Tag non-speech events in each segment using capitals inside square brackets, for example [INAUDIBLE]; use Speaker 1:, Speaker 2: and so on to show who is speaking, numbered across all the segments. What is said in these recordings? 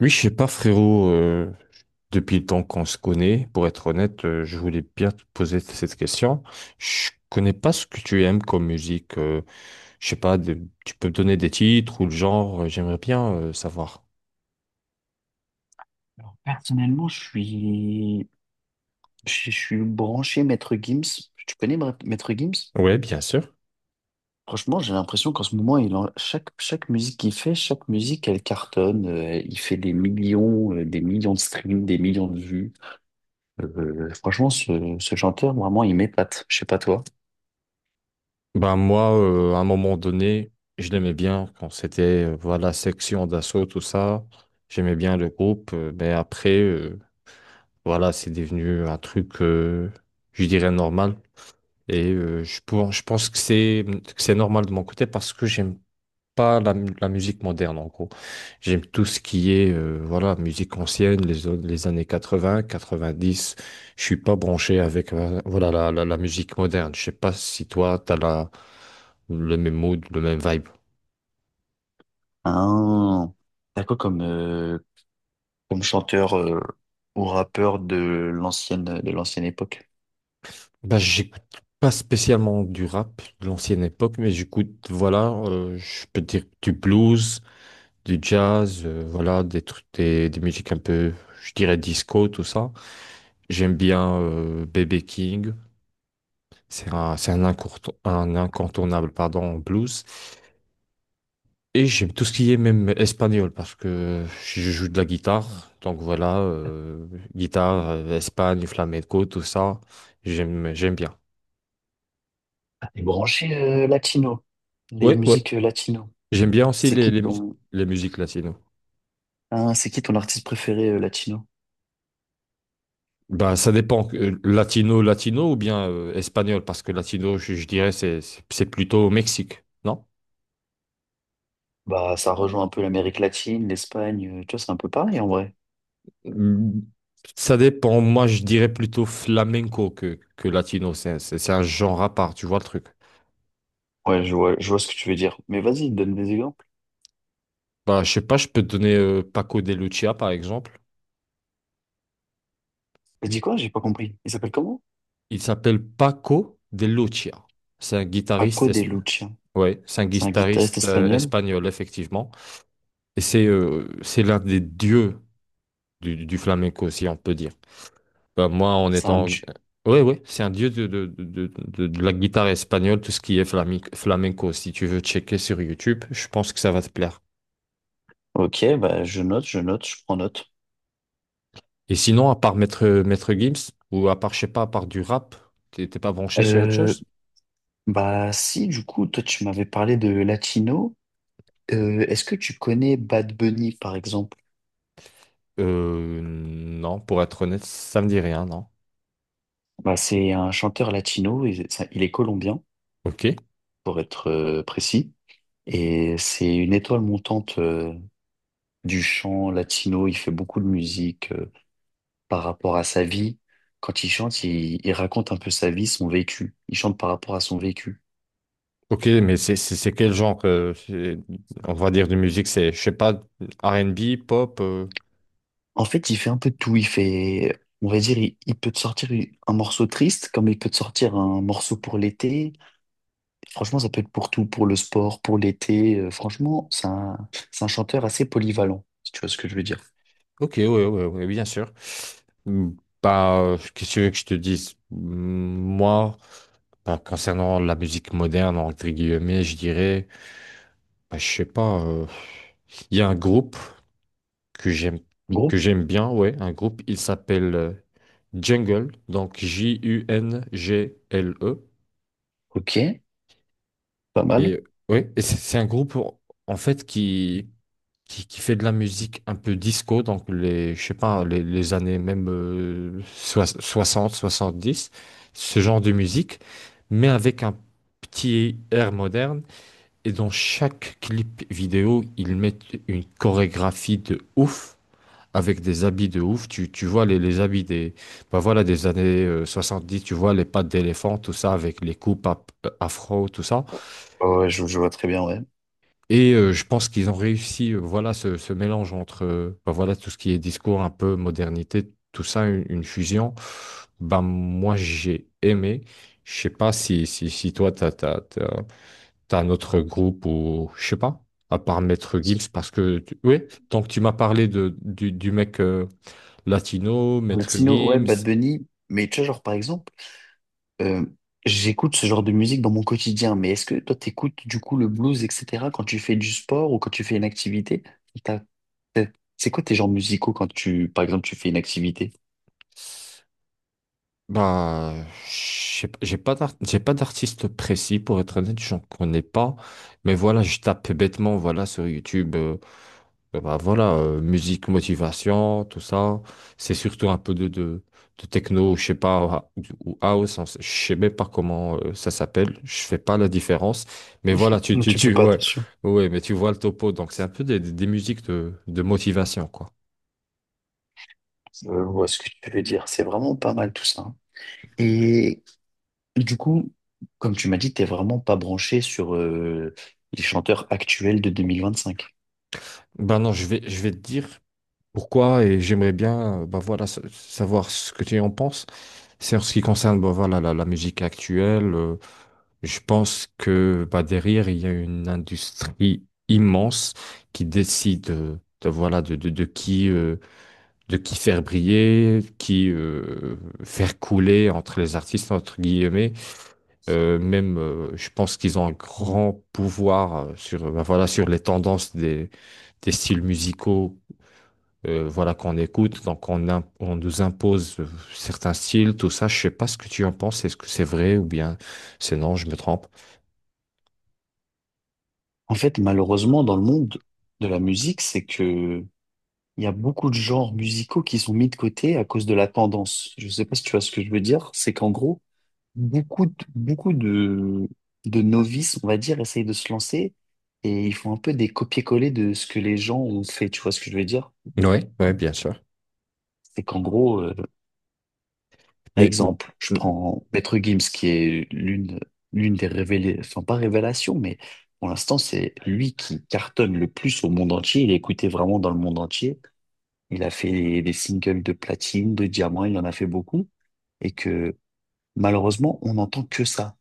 Speaker 1: Oui, je sais pas, frérot, depuis le temps qu'on se connaît, pour être honnête, je voulais bien te poser cette question. Je connais pas ce que tu aimes comme musique. Je sais pas, tu peux me donner des titres ou le genre, j'aimerais bien savoir.
Speaker 2: Alors, personnellement, je suis branché Maître Gims. Tu connais Maître Gims?
Speaker 1: Ouais, bien sûr.
Speaker 2: Franchement, j'ai l'impression qu'en ce moment, chaque musique qu'il fait, chaque musique, elle cartonne. Il fait des millions de streams, des millions de vues. Franchement, ce chanteur, vraiment, il m'épate. Je sais pas toi.
Speaker 1: Ben moi, à un moment donné, je l'aimais bien quand c'était voilà Section d'Assaut, tout ça. J'aimais bien le groupe, mais après, voilà, c'est devenu un truc, je dirais normal. Et je pense que c'est normal de mon côté parce que j'aime pas la musique moderne en gros. J'aime tout ce qui est voilà, musique ancienne, les années 80, 90. Je suis pas branché avec voilà, la musique moderne. Je sais pas si toi, tu as le même mood, le même vibe.
Speaker 2: Hein, t'as quoi comme, comme chanteur ou rappeur de l'ancienne époque?
Speaker 1: Bah, j'écoute pas spécialement du rap de l'ancienne époque, mais j'écoute, voilà, je peux dire du blues, du jazz, voilà, des trucs, des musiques un peu, je dirais disco, tout ça. J'aime bien B.B. King, c'est un, un incontournable, pardon, en blues. Et j'aime tout ce qui est même espagnol parce que je joue de la guitare, donc voilà, guitare, Espagne, flamenco, tout ça, j'aime bien.
Speaker 2: T'es branché latino, les
Speaker 1: Ouais, ouais,
Speaker 2: musiques latino.
Speaker 1: j'aime bien aussi
Speaker 2: C'est qui ton...
Speaker 1: les musiques latino.
Speaker 2: Ah, c'est qui ton artiste préféré latino?
Speaker 1: Ben, ça dépend, latino, latino ou bien espagnol, parce que latino, je dirais, c'est plutôt au Mexique, non?
Speaker 2: Bah, ça rejoint un peu l'Amérique latine, l'Espagne, tu vois, c'est un peu pareil en vrai.
Speaker 1: Mm, Ça dépend, moi je dirais plutôt flamenco que latino, c'est un genre à part, tu vois le truc.
Speaker 2: Ouais, je vois ce que tu veux dire. Mais vas-y, donne des exemples.
Speaker 1: Bah, je sais pas, je peux te donner Paco de Lucia par exemple.
Speaker 2: T'as dit quoi? J'ai pas compris. Il s'appelle comment?
Speaker 1: Il s'appelle Paco de Lucia. C'est un guitariste,
Speaker 2: Paco de
Speaker 1: esp-
Speaker 2: Lucia.
Speaker 1: Ouais, c'est un
Speaker 2: C'est un guitariste
Speaker 1: guitariste
Speaker 2: espagnol.
Speaker 1: espagnol, effectivement. Et c'est l'un des dieux du flamenco, si on peut dire. Bah, moi, en
Speaker 2: C'est un...
Speaker 1: étant...
Speaker 2: du-
Speaker 1: Oui, oui, c'est un dieu de la guitare espagnole, tout ce qui est flamenco. Si tu veux checker sur YouTube, je pense que ça va te plaire.
Speaker 2: Ok, bah, je note, je note, je prends note.
Speaker 1: Et sinon, à part Maître Gims, ou à part, je sais pas, à part du rap, t'es pas branché sur autre
Speaker 2: Euh,
Speaker 1: chose?
Speaker 2: Bah, si, du coup, toi, tu m'avais parlé de latino. Est-ce que tu connais Bad Bunny, par exemple?
Speaker 1: Non, pour être honnête, ça me dit rien, non.
Speaker 2: Bah, c'est un chanteur latino, il est colombien,
Speaker 1: Ok.
Speaker 2: pour être précis. Et c'est une étoile montante du chant latino. Il fait beaucoup de musique par rapport à sa vie. Quand il chante, il raconte un peu sa vie, son vécu. Il chante par rapport à son vécu.
Speaker 1: Ok, mais c'est quel genre, on va dire, de musique? C'est, je sais pas, R&B pop.
Speaker 2: En fait, il fait un peu de tout. Il fait, on va dire, il peut te sortir un morceau triste, comme il peut te sortir un morceau pour l'été. Franchement, ça peut être pour tout, pour le sport, pour l'été. Franchement, c'est un chanteur assez polyvalent, si tu vois ce que je veux dire.
Speaker 1: Ok, oui, oui, oui, bien sûr. Hmm, Bah, qu'est-ce que tu veux que je te dise? Moi, bah, concernant la musique moderne, entre guillemets, je dirais, bah, je sais pas, il y a un groupe que j'aime,
Speaker 2: Gros,
Speaker 1: que j'aime bien, ouais, un groupe, il s'appelle Jungle, donc Jungle.
Speaker 2: ok, pas mal.
Speaker 1: Et ouais, et c'est un groupe en fait qui, qui fait de la musique un peu disco, donc les je sais pas les années même 60, 70, ce genre de musique, mais avec un petit air moderne. Et dans chaque clip vidéo, ils mettent une chorégraphie de ouf. Avec des habits de ouf, tu vois les habits des, bah voilà, des années dix, tu vois les pattes d'éléphant, tout ça, avec les coupes afro, tout ça.
Speaker 2: Ouais, ouais, je vois très bien, ouais.
Speaker 1: Et je pense qu'ils ont réussi, voilà, ce mélange entre, ben voilà, tout ce qui est discours, un peu modernité, tout ça, une fusion. Ben, moi, j'ai aimé. Je sais pas si toi, t'as un autre groupe ou, je sais pas, à part Maître Gims, parce que, oui, tant que tu m'as parlé de, du mec latino, Maître
Speaker 2: Latino, ouais,
Speaker 1: Gims.
Speaker 2: Bad Bunny. Mais tu vois, genre, par exemple, euh, j'écoute ce genre de musique dans mon quotidien. Mais est-ce que toi, t'écoutes du coup le blues, etc., quand tu fais du sport ou quand tu fais une activité? T'as- t'as- C'est quoi tes genres musicaux quand tu, par exemple, tu fais une activité?
Speaker 1: Bah, je sais pas, j'ai pas d'artiste précis pour être honnête, j'en connais pas. Mais voilà, je tape bêtement, voilà, sur YouTube, bah voilà, musique, motivation, tout ça. C'est surtout un peu de techno, je sais pas, ou house, je sais même pas comment ça s'appelle. Je fais pas la différence. Mais voilà,
Speaker 2: [LAUGHS] Tu fais pas
Speaker 1: ouais,
Speaker 2: attention.
Speaker 1: ouais, mais tu vois le topo. Donc c'est un peu des, des musiques de motivation, quoi.
Speaker 2: Je vois ce que tu veux dire. C'est vraiment pas mal tout ça, hein. Et du coup, comme tu m'as dit, t'es vraiment pas branché sur les chanteurs actuels de 2025.
Speaker 1: Ben non, je vais te dire pourquoi et j'aimerais bien bah voilà savoir ce que tu en penses. C'est en ce qui concerne bah voilà la musique actuelle. Je pense que bah derrière il y a une industrie immense qui décide de, voilà de de qui faire briller, qui faire couler entre les artistes entre guillemets. Même je pense qu'ils ont un grand pouvoir sur bah voilà sur les tendances des styles musicaux voilà, qu'on écoute, donc on nous impose certains styles, tout ça. Je sais pas ce que tu en penses, est-ce que c'est vrai ou bien c'est non, je me trompe.
Speaker 2: En fait, malheureusement, dans le monde de la musique, c'est que il y a beaucoup de genres musicaux qui sont mis de côté à cause de la tendance. Je sais pas si tu vois ce que je veux dire. C'est qu'en gros, beaucoup de, beaucoup de, de novices, on va dire, essayent de se lancer et ils font un peu des copier-coller de ce que les gens ont fait. Tu vois ce que je veux dire?
Speaker 1: Oui, ouais, bien sûr.
Speaker 2: C'est qu'en gros, euh, Par
Speaker 1: Mais
Speaker 2: exemple, je
Speaker 1: mm,
Speaker 2: prends Maître Gims, qui est l'une des révélations, enfin pas révélation, mais pour l'instant, c'est lui qui cartonne le plus au monde entier. Il est écouté vraiment dans le monde entier. Il a fait des singles de platine, de diamant, il en a fait beaucoup. Et que malheureusement, on n'entend que ça.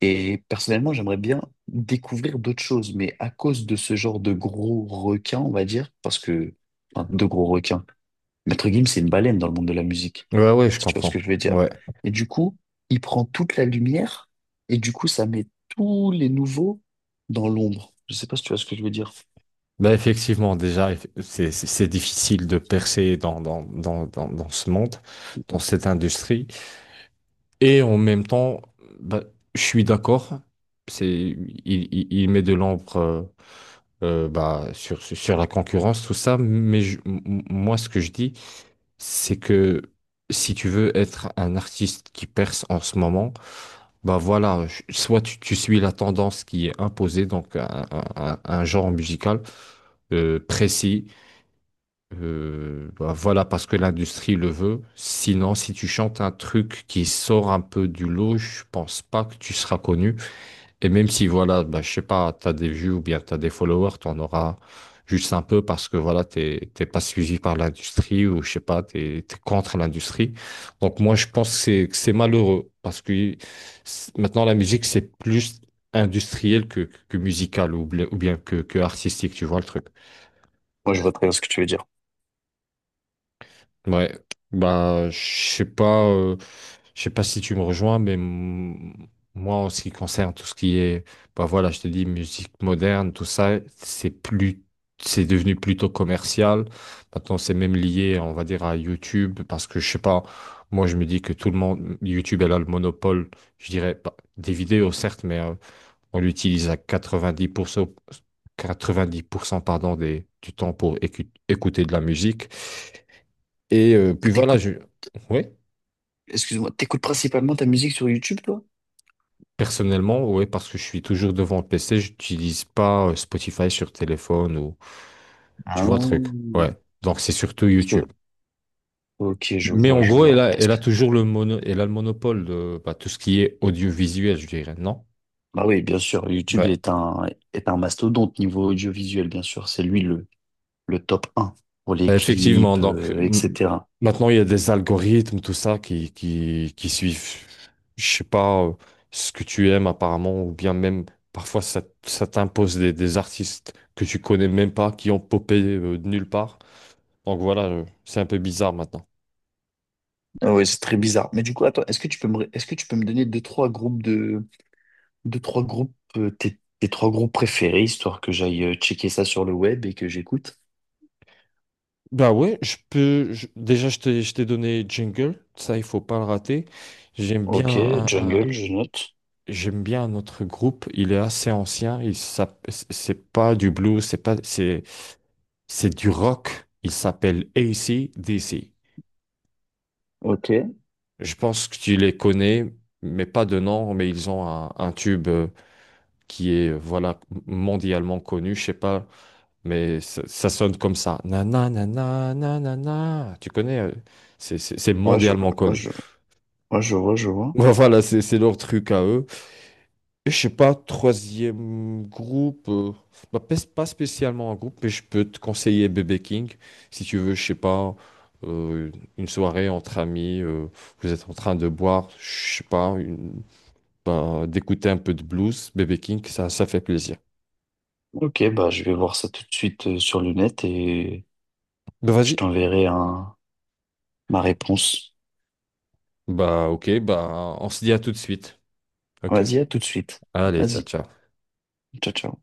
Speaker 2: Et personnellement, j'aimerais bien découvrir d'autres choses, mais à cause de ce genre de gros requins, on va dire, parce que, enfin, de gros requins, Maître Gims, c'est une baleine dans le monde de la musique,
Speaker 1: ouais, ouais, je
Speaker 2: si tu vois ce
Speaker 1: comprends.
Speaker 2: que je veux dire.
Speaker 1: Ouais.
Speaker 2: Et du coup, il prend toute la lumière, et du coup, ça met tous les nouveaux dans l'ombre. Je sais pas si tu vois ce que je veux dire.
Speaker 1: Bah effectivement, déjà, c'est difficile de percer dans ce monde, dans cette industrie. Et en même temps, bah, je suis d'accord. C'est, il met de l'ombre bah, sur la concurrence, tout ça. Mais moi, ce que je dis, c'est que si tu veux être un artiste qui perce en ce moment, bah voilà, soit tu suis la tendance qui est imposée, donc un genre musical précis bah voilà, parce que l'industrie le veut. Sinon, si tu chantes un truc qui sort un peu du lot, je pense pas que tu seras connu. Et même si, voilà, bah, je sais pas, t'as des vues ou bien t'as des followers, t'en auras juste un peu parce que, voilà, t'es pas suivi par l'industrie ou, je sais pas, t'es contre l'industrie. Donc, moi, je pense que c'est malheureux parce que maintenant, la musique, c'est plus industriel que musical ou, ou bien que artistique, tu vois le truc.
Speaker 2: Moi, je vois très bien ce que tu veux dire.
Speaker 1: Ouais, bah sais pas, euh, je sais pas si tu me rejoins, mais moi en ce qui concerne tout ce qui est, bah voilà, je te dis musique moderne, tout ça, c'est devenu plutôt commercial. Maintenant, c'est même lié, on va dire, à YouTube, parce que je sais pas, moi je me dis que tout le monde, YouTube elle a le monopole, je dirais, pas des vidéos certes, mais on l'utilise à 90%, 90% pardon des, du temps pour écouter de la musique. Et puis voilà,
Speaker 2: T'écoutes,
Speaker 1: je... ouais,
Speaker 2: excuse-moi, t'écoutes principalement ta musique sur YouTube, toi?
Speaker 1: personnellement, ouais, parce que je suis toujours devant le PC, j'utilise pas Spotify sur téléphone ou
Speaker 2: Ah,
Speaker 1: tu vois le truc. Ouais. Donc c'est surtout
Speaker 2: parce
Speaker 1: YouTube.
Speaker 2: que- ok, je
Speaker 1: Mais
Speaker 2: vois,
Speaker 1: en
Speaker 2: je
Speaker 1: gros,
Speaker 2: vois. Parce
Speaker 1: elle a
Speaker 2: que,
Speaker 1: toujours le mono, elle a le monopole de bah, tout ce qui est audiovisuel, je dirais, non?
Speaker 2: bah oui, bien sûr, YouTube
Speaker 1: Ouais.
Speaker 2: est un mastodonte niveau audiovisuel, bien sûr. C'est lui le top un pour les
Speaker 1: Effectivement,
Speaker 2: clips,
Speaker 1: donc
Speaker 2: etc.
Speaker 1: maintenant il y a des algorithmes, tout ça qui, qui suivent, je sais pas, ce que tu aimes apparemment, ou bien même parfois ça, ça t'impose des artistes que tu connais même pas, qui ont popé de nulle part. Donc voilà, c'est un peu bizarre maintenant.
Speaker 2: Ah ouais, c'est très bizarre. Mais du coup, attends, est-ce que tu peux me donner deux, trois groupes, euh, tes trois groupes préférés, histoire que j'aille checker ça sur le web et que j'écoute?
Speaker 1: Bah ouais, je peux. Déjà, je t'ai donné Jingle, ça il faut pas le rater. J'aime bien
Speaker 2: Ok,
Speaker 1: un, un-
Speaker 2: jungle, je note.
Speaker 1: J'aime bien un autre groupe. Il est assez ancien. C'est pas du blues, c'est pas, c'est du rock. Il s'appelle AC/DC.
Speaker 2: Ok,
Speaker 1: Je pense que tu les connais, mais pas de nom, mais ils ont un tube qui est voilà mondialement connu, je sais pas, mais ça sonne comme ça. Na na na na na na na. Tu connais, c'est
Speaker 2: ouais, je,
Speaker 1: mondialement
Speaker 2: ouais,
Speaker 1: connu.
Speaker 2: je, ouais, je vois, je
Speaker 1: [LAUGHS]
Speaker 2: vois.
Speaker 1: Voilà, c'est leur truc à eux. Et je sais pas, troisième groupe, bah, pas spécialement un groupe, mais je peux te conseiller Bébé King si tu veux, je sais pas, euh, une soirée entre amis, vous êtes en train de boire, je sais pas, bah, d'écouter un peu de blues, Bébé King, ça fait plaisir.
Speaker 2: Ok, bah, je vais voir ça tout de suite sur le net et
Speaker 1: Bah
Speaker 2: je
Speaker 1: vas-y.
Speaker 2: t'enverrai un, ma réponse.
Speaker 1: Bah ok, bah on se dit à tout de suite. Ok?
Speaker 2: Vas-y, à tout de suite.
Speaker 1: Allez, ciao,
Speaker 2: Vas-y,
Speaker 1: ciao.
Speaker 2: ciao, ciao.